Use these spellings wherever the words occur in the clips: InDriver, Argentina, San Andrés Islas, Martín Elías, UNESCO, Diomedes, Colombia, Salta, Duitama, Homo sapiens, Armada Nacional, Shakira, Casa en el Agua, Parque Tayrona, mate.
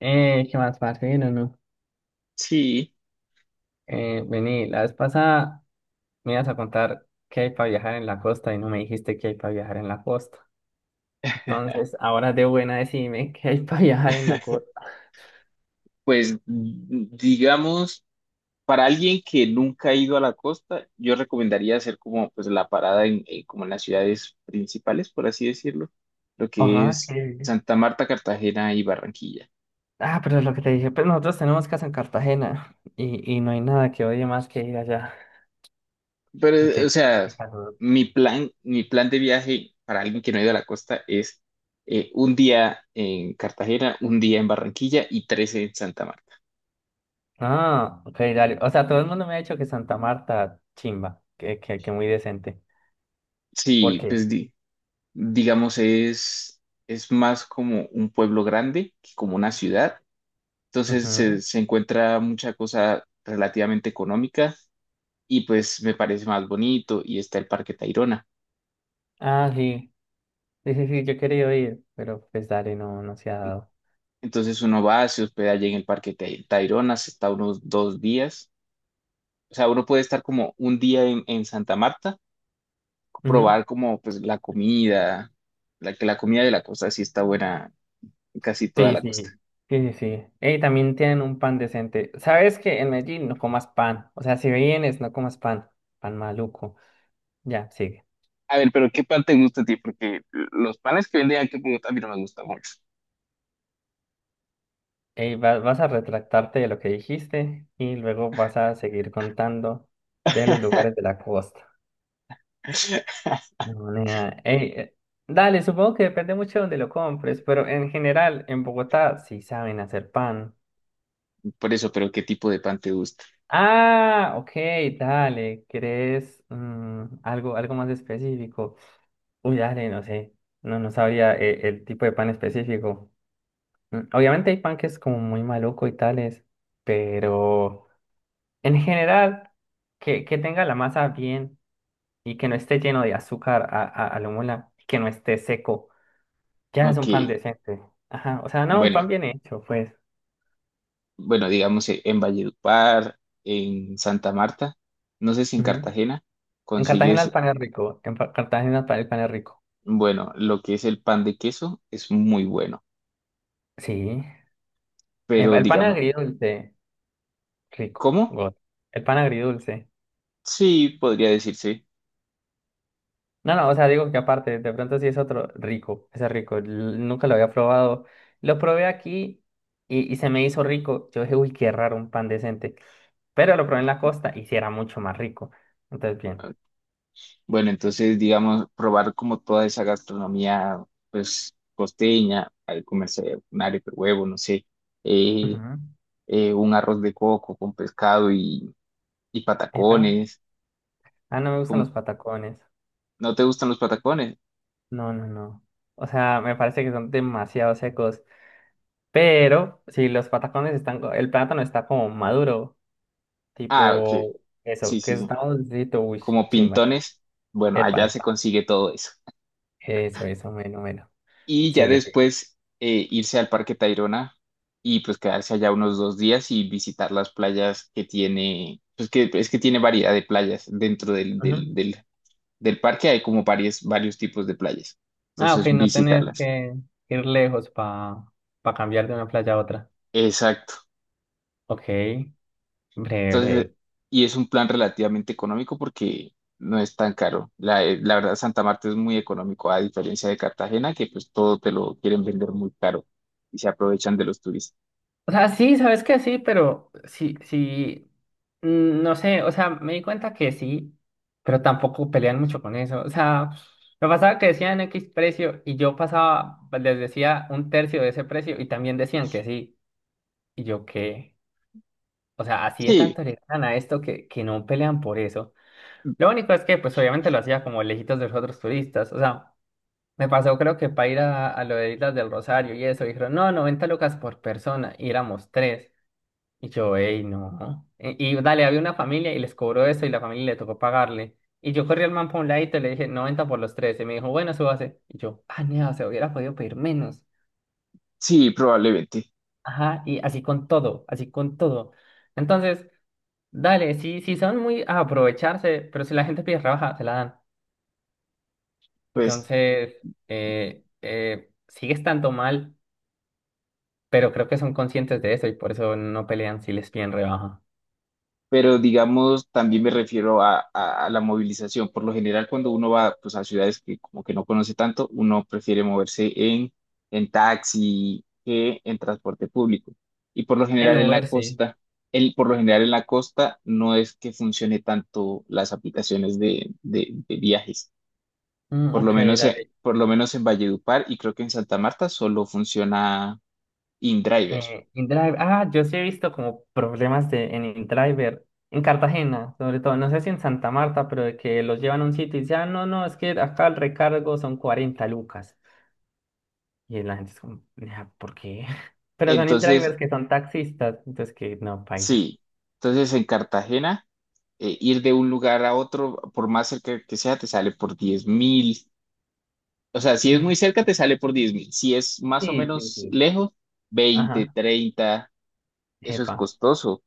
¿Qué más, parce? ¿Bien o no? Sí, Vení, la vez pasada me ibas a contar qué hay para viajar en la costa y no me dijiste qué hay para viajar en la costa. Entonces, ahora de buena decime qué hay para viajar en la costa. pues digamos, para alguien que nunca ha ido a la costa, yo recomendaría hacer como pues la parada como en las ciudades principales, por así decirlo, lo que Ajá, es que... Santa Marta, Cartagena y Barranquilla. Ah, pero lo que te dije, pues nosotros tenemos casa en Cartagena y no hay nada que odie más que ir allá, Pero, o porque... sea, Qué calor. mi plan de viaje para alguien que no ha ido a la costa es un día en Cartagena, un día en Barranquilla y tres en Santa Marta. Ah, ok, dale. O sea, todo el mundo me ha dicho que Santa Marta, chimba, que muy decente. ¿Por Sí, qué? pues digamos, es más como un pueblo grande que como una ciudad. Entonces Ujú. se encuentra mucha cosa relativamente económica y pues me parece más bonito y está el Parque Tayrona. Ah, sí. Sí, sí, sí, yo quería ir, pero pues dale, no, no se ha dado. Entonces uno va, se hospeda allí en el Parque Tayrona, se está unos dos días. O sea, uno puede estar como un día en Santa Marta, Ujú. probar como pues la comida, la que la comida de la costa sí está buena en casi toda Sí, la costa. sí, sí, sí, sí. Y también tienen un pan decente. ¿Sabes que en Medellín no comas pan? O sea, si vienes, no comas pan. Pan maluco. Ya, sigue. A ver, pero ¿qué pan te gusta a ti? Porque los panes que venden aquí en Bogotá a mí no me gustan mucho. Ey, vas a retractarte de lo que dijiste y luego vas a seguir contando de los lugares de la costa. No, nena. Ey, dale, supongo que depende mucho de donde lo compres, pero en general, en Bogotá sí saben hacer pan. Por eso, pero ¿qué tipo de pan te gusta? Ah, ok, dale. ¿Querés algo más específico? Uy, dale, no sé. No, no sabría el tipo de pan específico. Obviamente hay pan que es como muy maluco y tales, pero en general, que tenga la masa bien y que no esté lleno de azúcar a lo mola, que no esté seco, ya es Ok. un pan decente. Ajá, o sea, no, un pan Bueno, bien hecho, pues. bueno, digamos en Valledupar, en Santa Marta, no sé si en Ujú. Cartagena En Cartagena el consigues, pan es rico, en Cartagena el pan es rico. bueno, lo que es el pan de queso es muy bueno, Sí. Pero El pan digamos, agridulce, rico, ¿cómo? God. El pan agridulce. Sí, podría decirse. No, no, o sea, digo que aparte, de pronto sí es otro rico, ese es rico. Nunca lo había probado. Lo probé aquí y se me hizo rico. Yo dije, uy, qué raro un pan decente. Pero lo probé en la costa y sí era mucho más rico. Entonces, bien. Bueno, entonces, digamos, probar como toda esa gastronomía, pues, costeña, al comerse un arepa de huevo, no sé, eh, Ujú. Un arroz de coco con pescado y Epa. patacones. Ah, no me gustan los Como patacones. ¿No te gustan los patacones? No, no, no. O sea, me parece que son demasiado secos. Pero si los patacones están, el plátano está como maduro. Ah, ok, Tipo, eso, sí, sí, que sí. estamos diciendo, uy, Como chimba, chimba. pintones, bueno, Epa, allá se epa. consigue todo eso. Eso, bueno, bueno. Y ya Sigue, sigue. después irse al Parque Tayrona y pues quedarse allá unos dos días y visitar las playas que tiene, pues que es que tiene variedad de playas dentro del, Ujú. del, del del parque hay como varios tipos de playas. Ah, ok, Entonces, no tenés visitarlas. que ir lejos para cambiar de una playa a otra. Exacto. Ok, breve, Entonces, breve. y es un plan relativamente económico porque no es tan caro. La verdad, Santa Marta es muy económico, a diferencia de Cartagena, que pues todo te lo quieren vender muy caro y se aprovechan de los turistas. O sea, sí, sabes que sí, pero sí, sí, no sé, o sea, me di cuenta que sí, pero tampoco pelean mucho con eso. O sea, me pasaba que decían X precio y yo pasaba, les decía un tercio de ese precio y también decían que sí. Y yo, ¿qué? O sea, así de Sí, tanto le ganan a esto que no pelean por eso. Lo único es que, pues obviamente lo hacía como lejitos de los otros turistas. O sea, me pasó creo que para ir a lo de Islas del Rosario y eso, dijeron, no, 90 lucas por persona, y éramos tres. Y yo, ey, no. Y dale, había una familia y les cobró eso y la familia le tocó pagarle. Y yo corrí al man por un ladito y le dije, 90 por los tres. Y me dijo, bueno, súbase. Y yo, ah, no, se hubiera podido pedir menos. sí, probablemente. Ajá, y así con todo, así con todo. Entonces... Dale, sí, sí son muy a aprovecharse, pero si la gente pide rebaja, se la dan. Pues, Entonces, sigue estando mal, pero creo que son conscientes de eso y por eso no pelean si les piden rebaja. pero digamos, también me refiero a la movilización. Por lo general, cuando uno va pues, a ciudades que como que no conoce tanto, uno prefiere moverse en taxi que en transporte público. Y por lo En general en la Uber, sí. costa, por lo general en la costa no es que funcione tanto las aplicaciones de viajes. Por lo Ok, menos, eh, dale. por lo menos en Valledupar y creo que en Santa Marta solo funciona InDriver. InDrive, ah, yo sí he visto como problemas en InDriver, en Cartagena, sobre todo, no sé si en Santa Marta, pero de que los llevan a un sitio y dicen, ah, no, no, es que acá el recargo son 40 lucas. Y la gente es como, "Nah, ¿por qué? Pero son in-drivers Entonces, que son taxistas, entonces que no, bailas. sí. Entonces en Cartagena, ir de un lugar a otro, por más cerca que sea, te sale por 10.000. O sea, si es muy cerca, te sale por 10 mil. Si es más o Sí, sí, menos sí. lejos, 20, Ajá. 30, eso es Epa. costoso.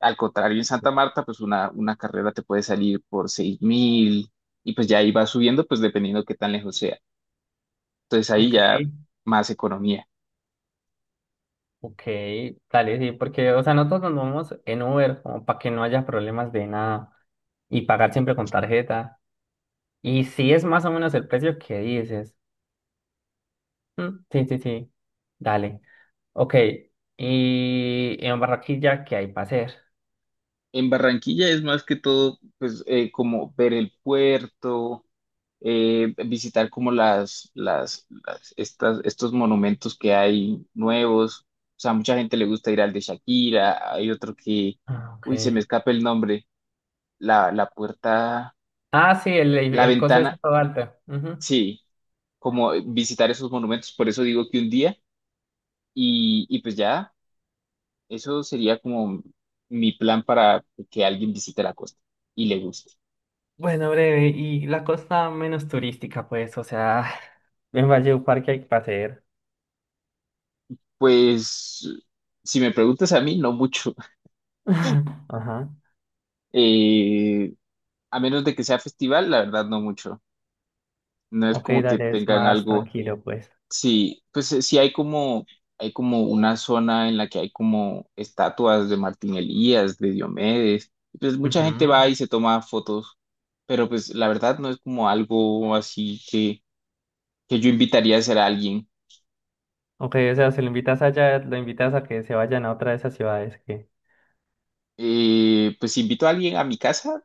Al contrario, en Santa Marta, pues una carrera te puede salir por 6.000 y pues ya ahí va subiendo, pues dependiendo qué tan lejos sea. Entonces ahí Ok, ya más economía. ok. Dale, sí, porque, o sea, nosotros nos vamos en Uber como para que no haya problemas de nada y pagar siempre con tarjeta. Y si es más o menos el precio que dices. Mm, sí, sí, sí. Dale. Ok. Y en Barranquilla, ¿qué hay para hacer? En Barranquilla es más que todo, pues como ver el puerto, visitar como estos monumentos que hay nuevos. O sea, a mucha gente le gusta ir al de Shakira, hay otro que, Ah, uy, se me ok. escapa el nombre, la puerta, Ah, sí, la el coso es ventana, todo alto. Ujú. sí, como visitar esos monumentos, por eso digo que un día, y pues ya, eso sería como mi plan para que alguien visite la costa y le guste. Bueno, breve, y la costa menos turística, pues, o sea, en Valledupar, ¿qué hay que hacer? Pues, si me preguntas a mí, no mucho. Ajá. Eh, A menos de que sea festival, la verdad no mucho. No es Ok, como que dale, es tengan más algo. tranquilo, pues. Sí, pues sí hay como, una zona en la que hay como estatuas de Martín Elías, de Diomedes, y pues mucha gente va Ujú. y se toma fotos, pero pues la verdad no es como algo así que yo invitaría a hacer a alguien. Ok, o sea, si lo invitas allá, lo invitas a que se vayan a otra de esas ciudades que... Pues si invito a alguien a mi casa,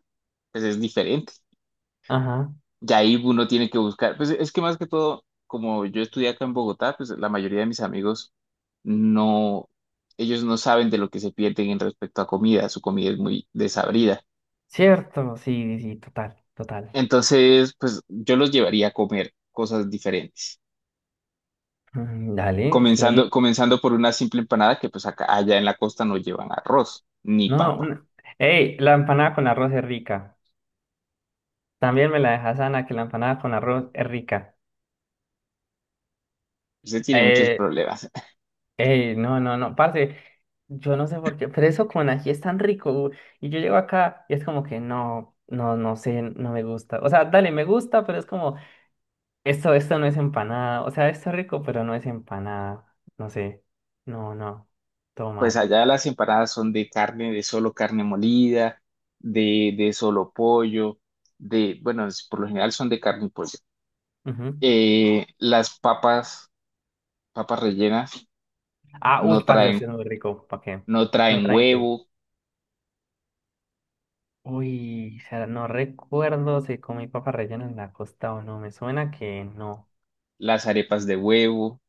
pues es diferente. Ajá. Y ahí uno tiene que buscar, pues es que más que todo, como yo estudié acá en Bogotá, pues la mayoría de mis amigos no, ellos no saben de lo que se pierden en respecto a comida, su comida es muy desabrida. Cierto, sí, sí, total, total. Entonces, pues yo los llevaría a comer cosas diferentes. Dale, Comenzando, sí. comenzando por una simple empanada que pues acá, allá en la costa no llevan arroz ni No, papa. una... Ey, la empanada con arroz es rica. También me la dejas, Ana, que la empanada con arroz es rica. Usted tiene muchos Eh, problemas. Ey, no, no, no, parce, yo no sé por qué, pero eso con ají es tan rico, y yo llego acá y es como que no, no, no sé, no me gusta, o sea, dale, me gusta, pero es como, esto no es empanada, o sea, esto es rico, pero no es empanada, no sé, no, no, todo Pues mal, allá las empanadas son de carne, de solo carne molida, de solo pollo, bueno, por lo general son de carne y pollo. Ujú. Las papas, papas rellenas, Ah, uy, no parce, eso traen, sí es muy rico, ¿para qué? no No traen traen qué, huevo, uy, o sea, no recuerdo si comí papas rellenas en la costa o no, me suena que no, las arepas de huevo,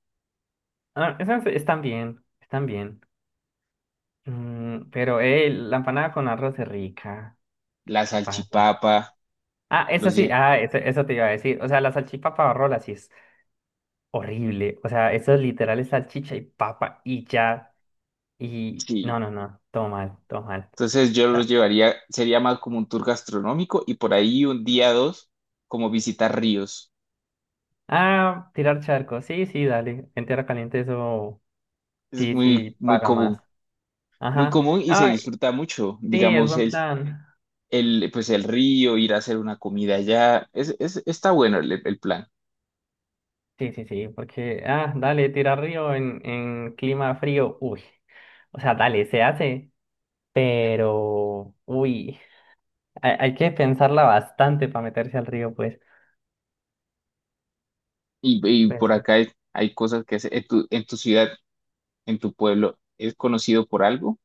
ah, esas están bien, están bien. Mm, pero, la empanada con arroz es rica. la ¿Qué pasa? salchipapa, Ah, eso los sí, lle- ah, eso te iba a decir. O sea, la salchipapa o rola sí es horrible. O sea, eso es literal es salchicha y papa y ya. Y no, sí. no, no, todo mal, todo mal. Entonces yo los Ah, llevaría, sería más como un tour gastronómico y por ahí un día dos, como visitar ríos. ah, tirar charco. Sí, sí, dale. En tierra caliente eso Es sí, muy, sí, muy paga común, más. muy común Ajá. y se Ah, disfruta mucho, sí, es digamos buen plan. Pues el río, ir a hacer una comida allá. Está bueno el plan. Sí, sí, sí, porque, ah, dale, tirar río en clima frío. Uy. O sea, dale, se hace. Pero, uy, hay que pensarla bastante para meterse al río, pues. Y por Eso. acá hay cosas que hacer. En tu ciudad, en tu pueblo, ¿es conocido por algo?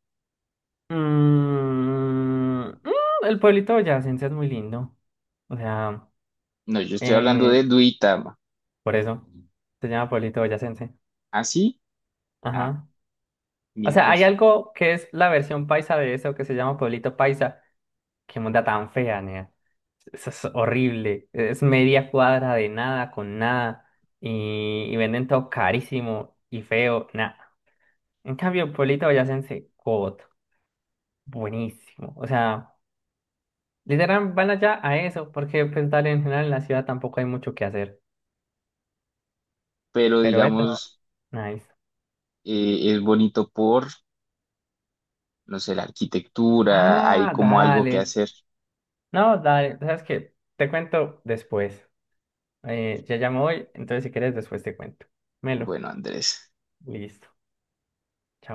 Mm, mm, el pueblito de boyacense es muy lindo. O sea, No, yo estoy hablando eh, de Duitama. por eso se llama pueblito boyacense. ¿Ah, sí? Ah, Ajá. O mi sea, error. hay algo que es la versión paisa de eso que se llama pueblito paisa. Qué monda tan fea, nea. Eso es horrible. Es media cuadra de nada con nada. Y venden todo carísimo y feo. Nah. En cambio, Pueblito Boyacense, God, buenísimo. O sea, literal van allá a eso, porque pues dale, en general en la ciudad tampoco hay mucho que hacer. Pero Pero eso, digamos, nice. Es bonito por, no sé, la arquitectura, hay Ah, como algo que dale. hacer. No, dale. ¿Sabes qué? Te cuento después. Ya llamo hoy, entonces si quieres después te cuento. Melo, Bueno, Andrés. listo. Chao.